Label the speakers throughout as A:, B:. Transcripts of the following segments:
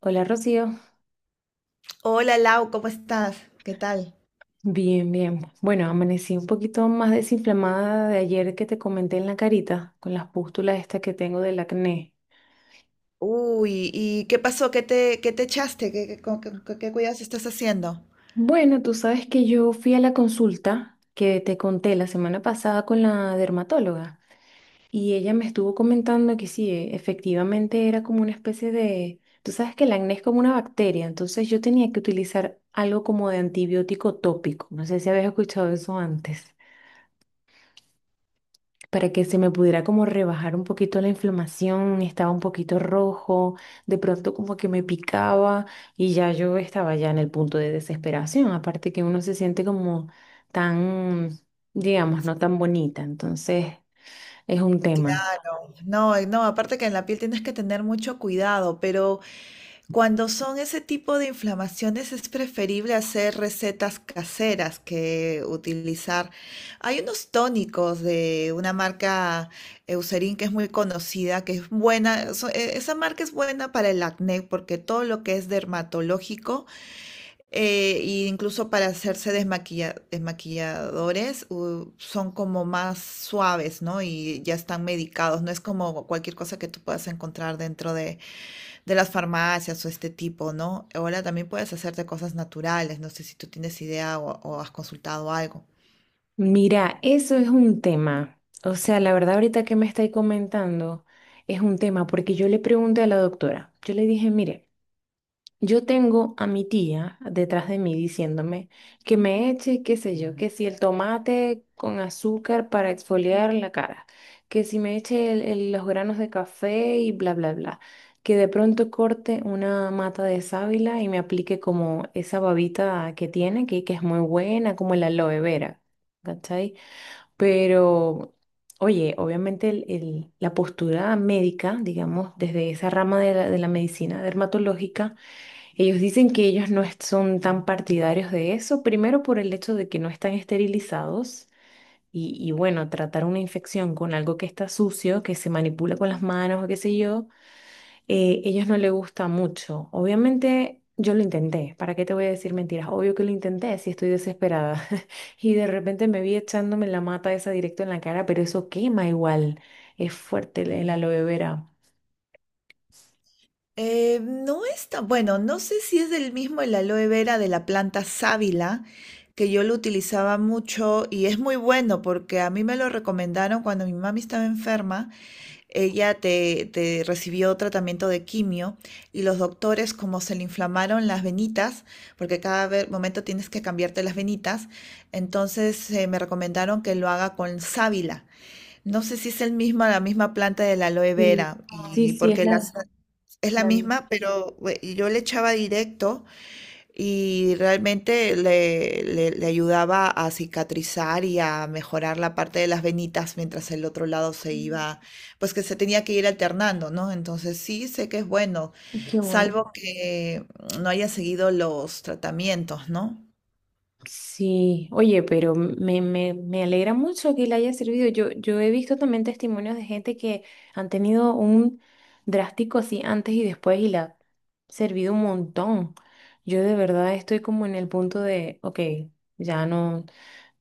A: Hola Rocío.
B: Hola Lau, ¿cómo estás? ¿Qué tal?
A: Bien, bien. Bueno, amanecí un poquito más desinflamada de ayer que te comenté en la carita, con las pústulas estas que tengo del acné.
B: Uy, ¿y qué pasó? ¿Qué te echaste? ¿Con qué cuidados estás haciendo?
A: Bueno, tú sabes que yo fui a la consulta que te conté la semana pasada con la dermatóloga y ella me estuvo comentando que sí, efectivamente era como una especie de... Tú sabes que el acné es como una bacteria, entonces yo tenía que utilizar algo como de antibiótico tópico. No sé si habías escuchado eso antes, para que se me pudiera como rebajar un poquito la inflamación. Estaba un poquito rojo, de pronto como que me picaba y ya yo estaba ya en el punto de desesperación, aparte que uno se siente como tan, digamos, no tan bonita, entonces es un tema.
B: No, no, aparte que en la piel tienes que tener mucho cuidado, pero cuando son ese tipo de inflamaciones es preferible hacer recetas caseras que utilizar. Hay unos tónicos de una marca Eucerin que es muy conocida, que es buena, esa marca es buena para el acné porque todo lo que es dermatológico. Eh, E incluso para hacerse desmaquilladores, son como más suaves, ¿no? Y ya están medicados. No es como cualquier cosa que tú puedas encontrar dentro de las farmacias o este tipo, ¿no? Ahora también puedes hacerte cosas naturales. No sé si tú tienes idea o has consultado algo.
A: Mira, eso es un tema, o sea, la verdad ahorita que me estáis comentando es un tema, porque yo le pregunté a la doctora, yo le dije, mire, yo tengo a mi tía detrás de mí diciéndome que me eche, qué sé yo, que si el tomate con azúcar para exfoliar la cara, que si me eche los granos de café y bla, bla, bla, que de pronto corte una mata de sábila y me aplique como esa babita que tiene, que es muy buena, como la aloe vera, ¿cachai? Pero, oye, obviamente la postura médica, digamos, desde esa rama de la medicina dermatológica, ellos dicen que ellos no es- son tan partidarios de eso, primero por el hecho de que no están esterilizados y bueno, tratar una infección con algo que está sucio, que se manipula con las manos o qué sé yo, ellos no les gusta mucho. Obviamente yo lo intenté, ¿para qué te voy a decir mentiras? Obvio que lo intenté, si estoy desesperada. Y de repente me vi echándome la mata esa directo en la cara, pero eso quema igual, es fuerte el aloe vera.
B: No está, bueno, no sé si es del mismo el aloe vera de la planta sábila, que yo lo utilizaba mucho y es muy bueno porque a mí me lo recomendaron cuando mi mami estaba enferma, ella te recibió tratamiento de quimio y los doctores como se le inflamaron las venitas, porque cada momento tienes que cambiarte las venitas, entonces me recomendaron que lo haga con sábila. No sé si es el mismo, la misma planta de la aloe
A: Sí,
B: vera,
A: sí,
B: y
A: sí, es
B: porque las
A: la...
B: es la
A: la...
B: misma, pero yo le echaba directo, y realmente le ayudaba a cicatrizar y a mejorar la parte de las venitas mientras el otro lado se iba, pues que se tenía que ir alternando, ¿no? Entonces sí sé que es bueno,
A: Qué bueno.
B: salvo que no haya seguido los tratamientos, ¿no?
A: Sí, oye, pero me alegra mucho que le haya servido. Yo he visto también testimonios de gente que han tenido un drástico así antes y después y le ha servido un montón. Yo de verdad estoy como en el punto de, ok, ya no,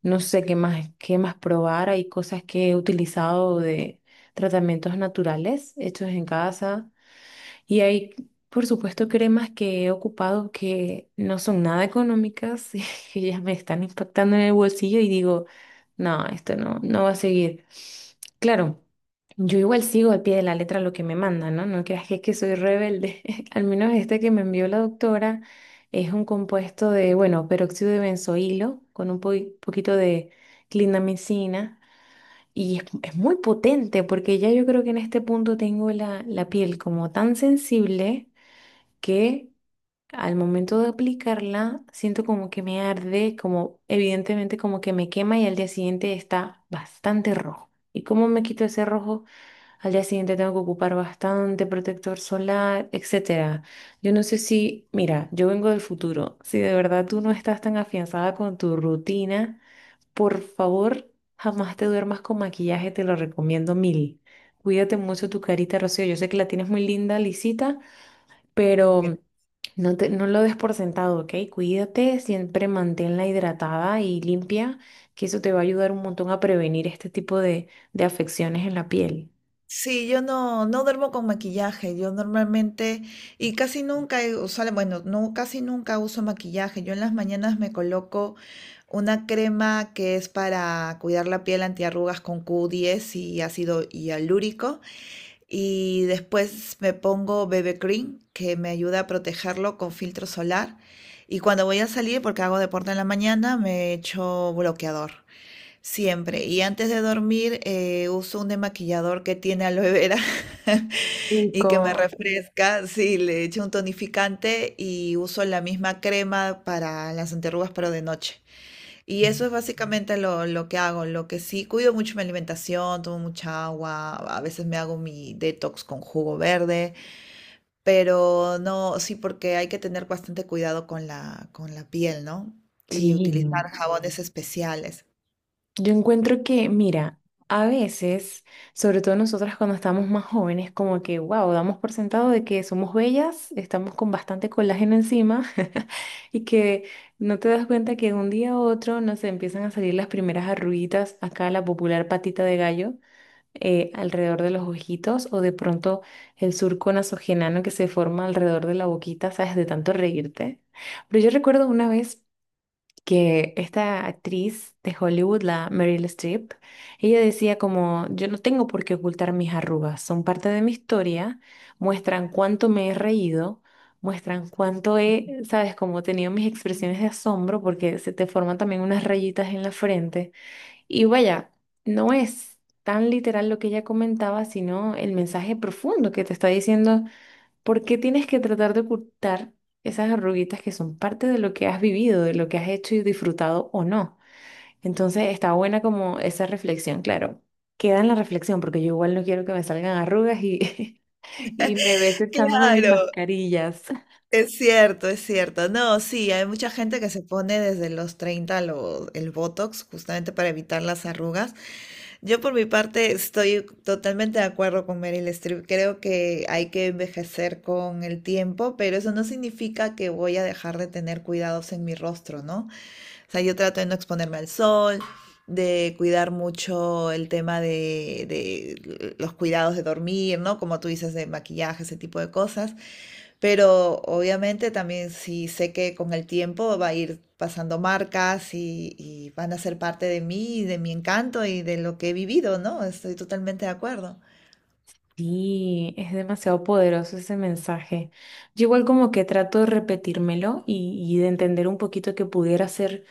A: no sé qué más probar. Hay cosas que he utilizado de tratamientos naturales hechos en casa y hay, por supuesto, cremas que he ocupado que no son nada económicas, y que ya me están impactando en el bolsillo y digo, no, esto no va a seguir. Claro, yo igual sigo al pie de la letra lo que me mandan, ¿no? No creas que es que soy rebelde. Al menos este que me envió la doctora es un compuesto de, bueno, peróxido de benzoilo con un poquito de clindamicina. Y es muy potente porque ya yo creo que en este punto tengo la piel como tan sensible, que al momento de aplicarla siento como que me arde, como evidentemente como que me quema, y al día siguiente está bastante rojo. ¿Y cómo me quito ese rojo? Al día siguiente tengo que ocupar bastante protector solar, etcétera. Yo no sé si, mira, yo vengo del futuro. Si de verdad tú no estás tan afianzada con tu rutina, por favor, jamás te duermas con maquillaje, te lo recomiendo mil. Cuídate mucho tu carita, Rocío. Yo sé que la tienes muy linda, lisita, pero no lo des por sentado, ¿ok? Cuídate, siempre manténla hidratada y limpia, que eso te va a ayudar un montón a prevenir este tipo de afecciones en la piel.
B: Sí, yo no, no duermo con maquillaje. Yo normalmente, y casi nunca he usado, bueno, no, casi nunca uso maquillaje. Yo en las mañanas me coloco una crema que es para cuidar la piel antiarrugas con Q10 y ácido hialúrico. Y después me pongo BB Cream, que me ayuda a protegerlo con filtro solar. Y cuando voy a salir, porque hago deporte en la mañana, me echo bloqueador. Siempre. Y antes de dormir, uso un demaquillador que tiene aloe vera y que me ah,
A: Rico.
B: refresca. Sí, le echo un tonificante y uso la misma crema para las anterrugas, pero de noche. Y eso es básicamente lo que hago. Lo que sí, cuido mucho mi alimentación, tomo mucha agua, a veces me hago mi detox con jugo verde, pero no, sí, porque hay que tener bastante cuidado con la piel, ¿no? Y
A: Sí. No.
B: utilizar jabones especiales.
A: Yo encuentro que, mira, a veces, sobre todo nosotras cuando estamos más jóvenes, como que, wow, damos por sentado de que somos bellas, estamos con bastante colágeno encima y que no te das cuenta que de un día a otro nos empiezan a salir las primeras arruguitas, acá la popular patita de gallo, alrededor de los ojitos o de pronto el surco nasogenano que se forma alrededor de la boquita, ¿sabes? De tanto reírte. Pero yo recuerdo una vez que esta actriz de Hollywood, la Meryl Streep, ella decía como, yo no tengo por qué ocultar mis arrugas, son parte de mi historia, muestran cuánto me he reído, muestran cuánto he, sabes, como tenido mis expresiones de asombro, porque se te forman también unas rayitas en la frente. Y vaya, no es tan literal lo que ella comentaba, sino el mensaje profundo que te está diciendo. ¿Por qué tienes que tratar de ocultar esas arruguitas que son parte de lo que has vivido, de lo que has hecho y disfrutado o no? Entonces está buena como esa reflexión, claro. Queda en la reflexión porque yo igual no quiero que me salgan arrugas, y, y me ves echándome mis
B: Claro,
A: mascarillas.
B: es cierto, es cierto. No, sí, hay mucha gente que se pone desde los 30 el Botox justamente para evitar las arrugas. Yo por mi parte estoy totalmente de acuerdo con Meryl Streep. Creo que hay que envejecer con el tiempo, pero eso no significa que voy a dejar de tener cuidados en mi rostro, ¿no? O sea, yo trato de no exponerme al sol, de cuidar mucho el tema de los cuidados de dormir, ¿no? Como tú dices, de maquillaje, ese tipo de cosas. Pero obviamente también sí sé que con el tiempo va a ir pasando marcas y van a ser parte de mí, y de mi encanto y de lo que he vivido, ¿no? Estoy totalmente de acuerdo.
A: Sí, es demasiado poderoso ese mensaje. Yo igual como que trato de repetírmelo y de entender un poquito que pudiera ser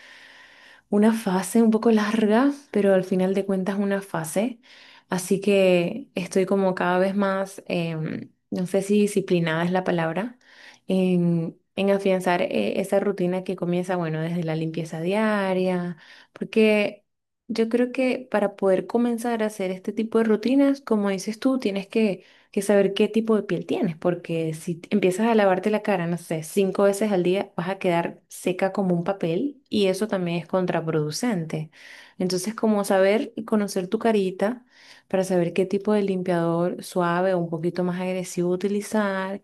A: una fase un poco larga, pero al final de cuentas una fase. Así que estoy como cada vez más, no sé si disciplinada es la palabra, en afianzar esa rutina que comienza, bueno, desde la limpieza diaria, porque yo creo que para poder comenzar a hacer este tipo de rutinas, como dices tú, tienes que saber qué tipo de piel tienes, porque si empiezas a lavarte la cara, no sé, 5 veces al día, vas a quedar seca como un papel y eso también es contraproducente. Entonces, como saber y conocer tu carita para saber qué tipo de limpiador suave o un poquito más agresivo utilizar,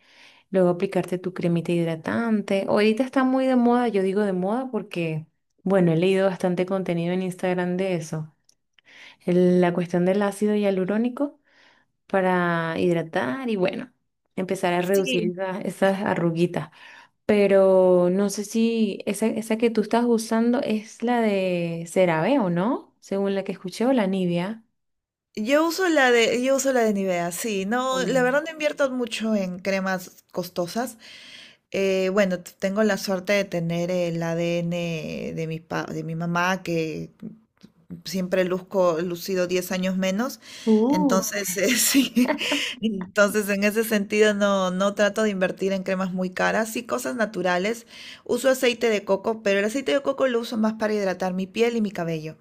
A: luego aplicarte tu cremita hidratante. Ahorita está muy de moda, yo digo de moda porque, bueno, he leído bastante contenido en Instagram de eso. La cuestión del ácido hialurónico para hidratar y, bueno, empezar a reducir
B: Sí,
A: esas arruguitas. Pero no sé si esa que tú estás usando es la de CeraVe o no, según la que escuché, o la Nivea.
B: yo uso la de Nivea, sí. No, la
A: Mm.
B: verdad no invierto mucho en cremas costosas. Bueno, tengo la suerte de tener el ADN de de mi mamá, que siempre luzco lucido 10 años menos.
A: Uh.
B: Entonces, sí, entonces en ese sentido no, no trato de invertir en cremas muy caras, sí cosas naturales. Uso aceite de coco, pero el aceite de coco lo uso más para hidratar mi piel y mi cabello.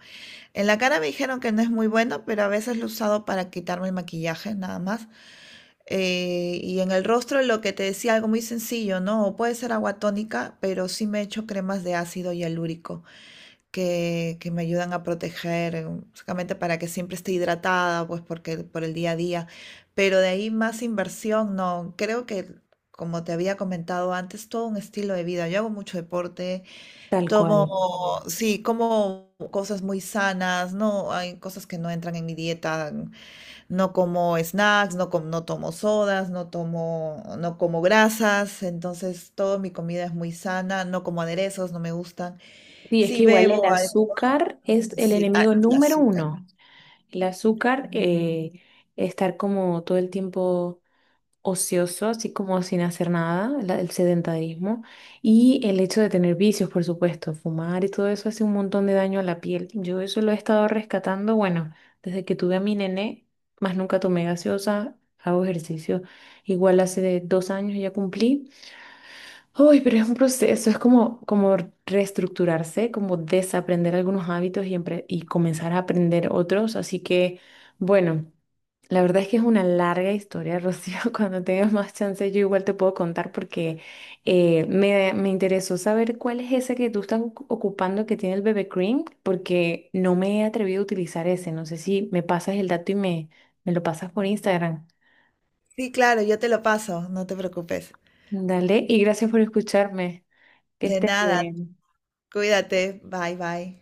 B: En la cara me dijeron que no es muy bueno, pero a veces lo he usado para quitarme el maquillaje, nada más. Y en el rostro lo que te decía, algo muy sencillo, ¿no? O puede ser agua tónica, pero sí me he hecho cremas de ácido hialurónico que me ayudan a proteger, básicamente para que siempre esté hidratada, pues porque por el día a día. Pero de ahí más inversión, no. Creo que, como te había comentado antes, todo un estilo de vida. Yo hago mucho deporte,
A: Tal cual.
B: tomo, sí, como cosas muy sanas, no hay cosas que no entran en mi dieta. No como snacks, no, no tomo sodas, no tomo, no como grasas, entonces toda mi comida es muy sana, no como aderezos, no me gustan.
A: Sí, es
B: Sí
A: que igual el
B: bebo,
A: azúcar es el
B: sí, ah,
A: enemigo
B: el
A: número
B: azúcar.
A: uno. El azúcar, estar como todo el tiempo ocioso, así como sin hacer nada, el sedentarismo y el hecho de tener vicios, por supuesto, fumar y todo eso hace un montón de daño a la piel. Yo eso lo he estado rescatando, bueno, desde que tuve a mi nené, más nunca tomé gaseosa, hago ejercicio. Igual hace de 2 años ya cumplí. Uy, pero es un proceso, es como, como reestructurarse, como desaprender algunos hábitos y comenzar a aprender otros. Así que, bueno, la verdad es que es una larga historia, Rocío. Cuando tengas más chance, yo igual te puedo contar, porque me interesó saber cuál es ese que tú estás ocupando que tiene el bebé cream, porque no me he atrevido a utilizar ese. No sé si me pasas el dato y me lo pasas por Instagram.
B: Sí, claro, yo te lo paso, no te preocupes.
A: Dale, y gracias por escucharme. Que
B: De
A: estés
B: nada,
A: bien.
B: cuídate, bye bye.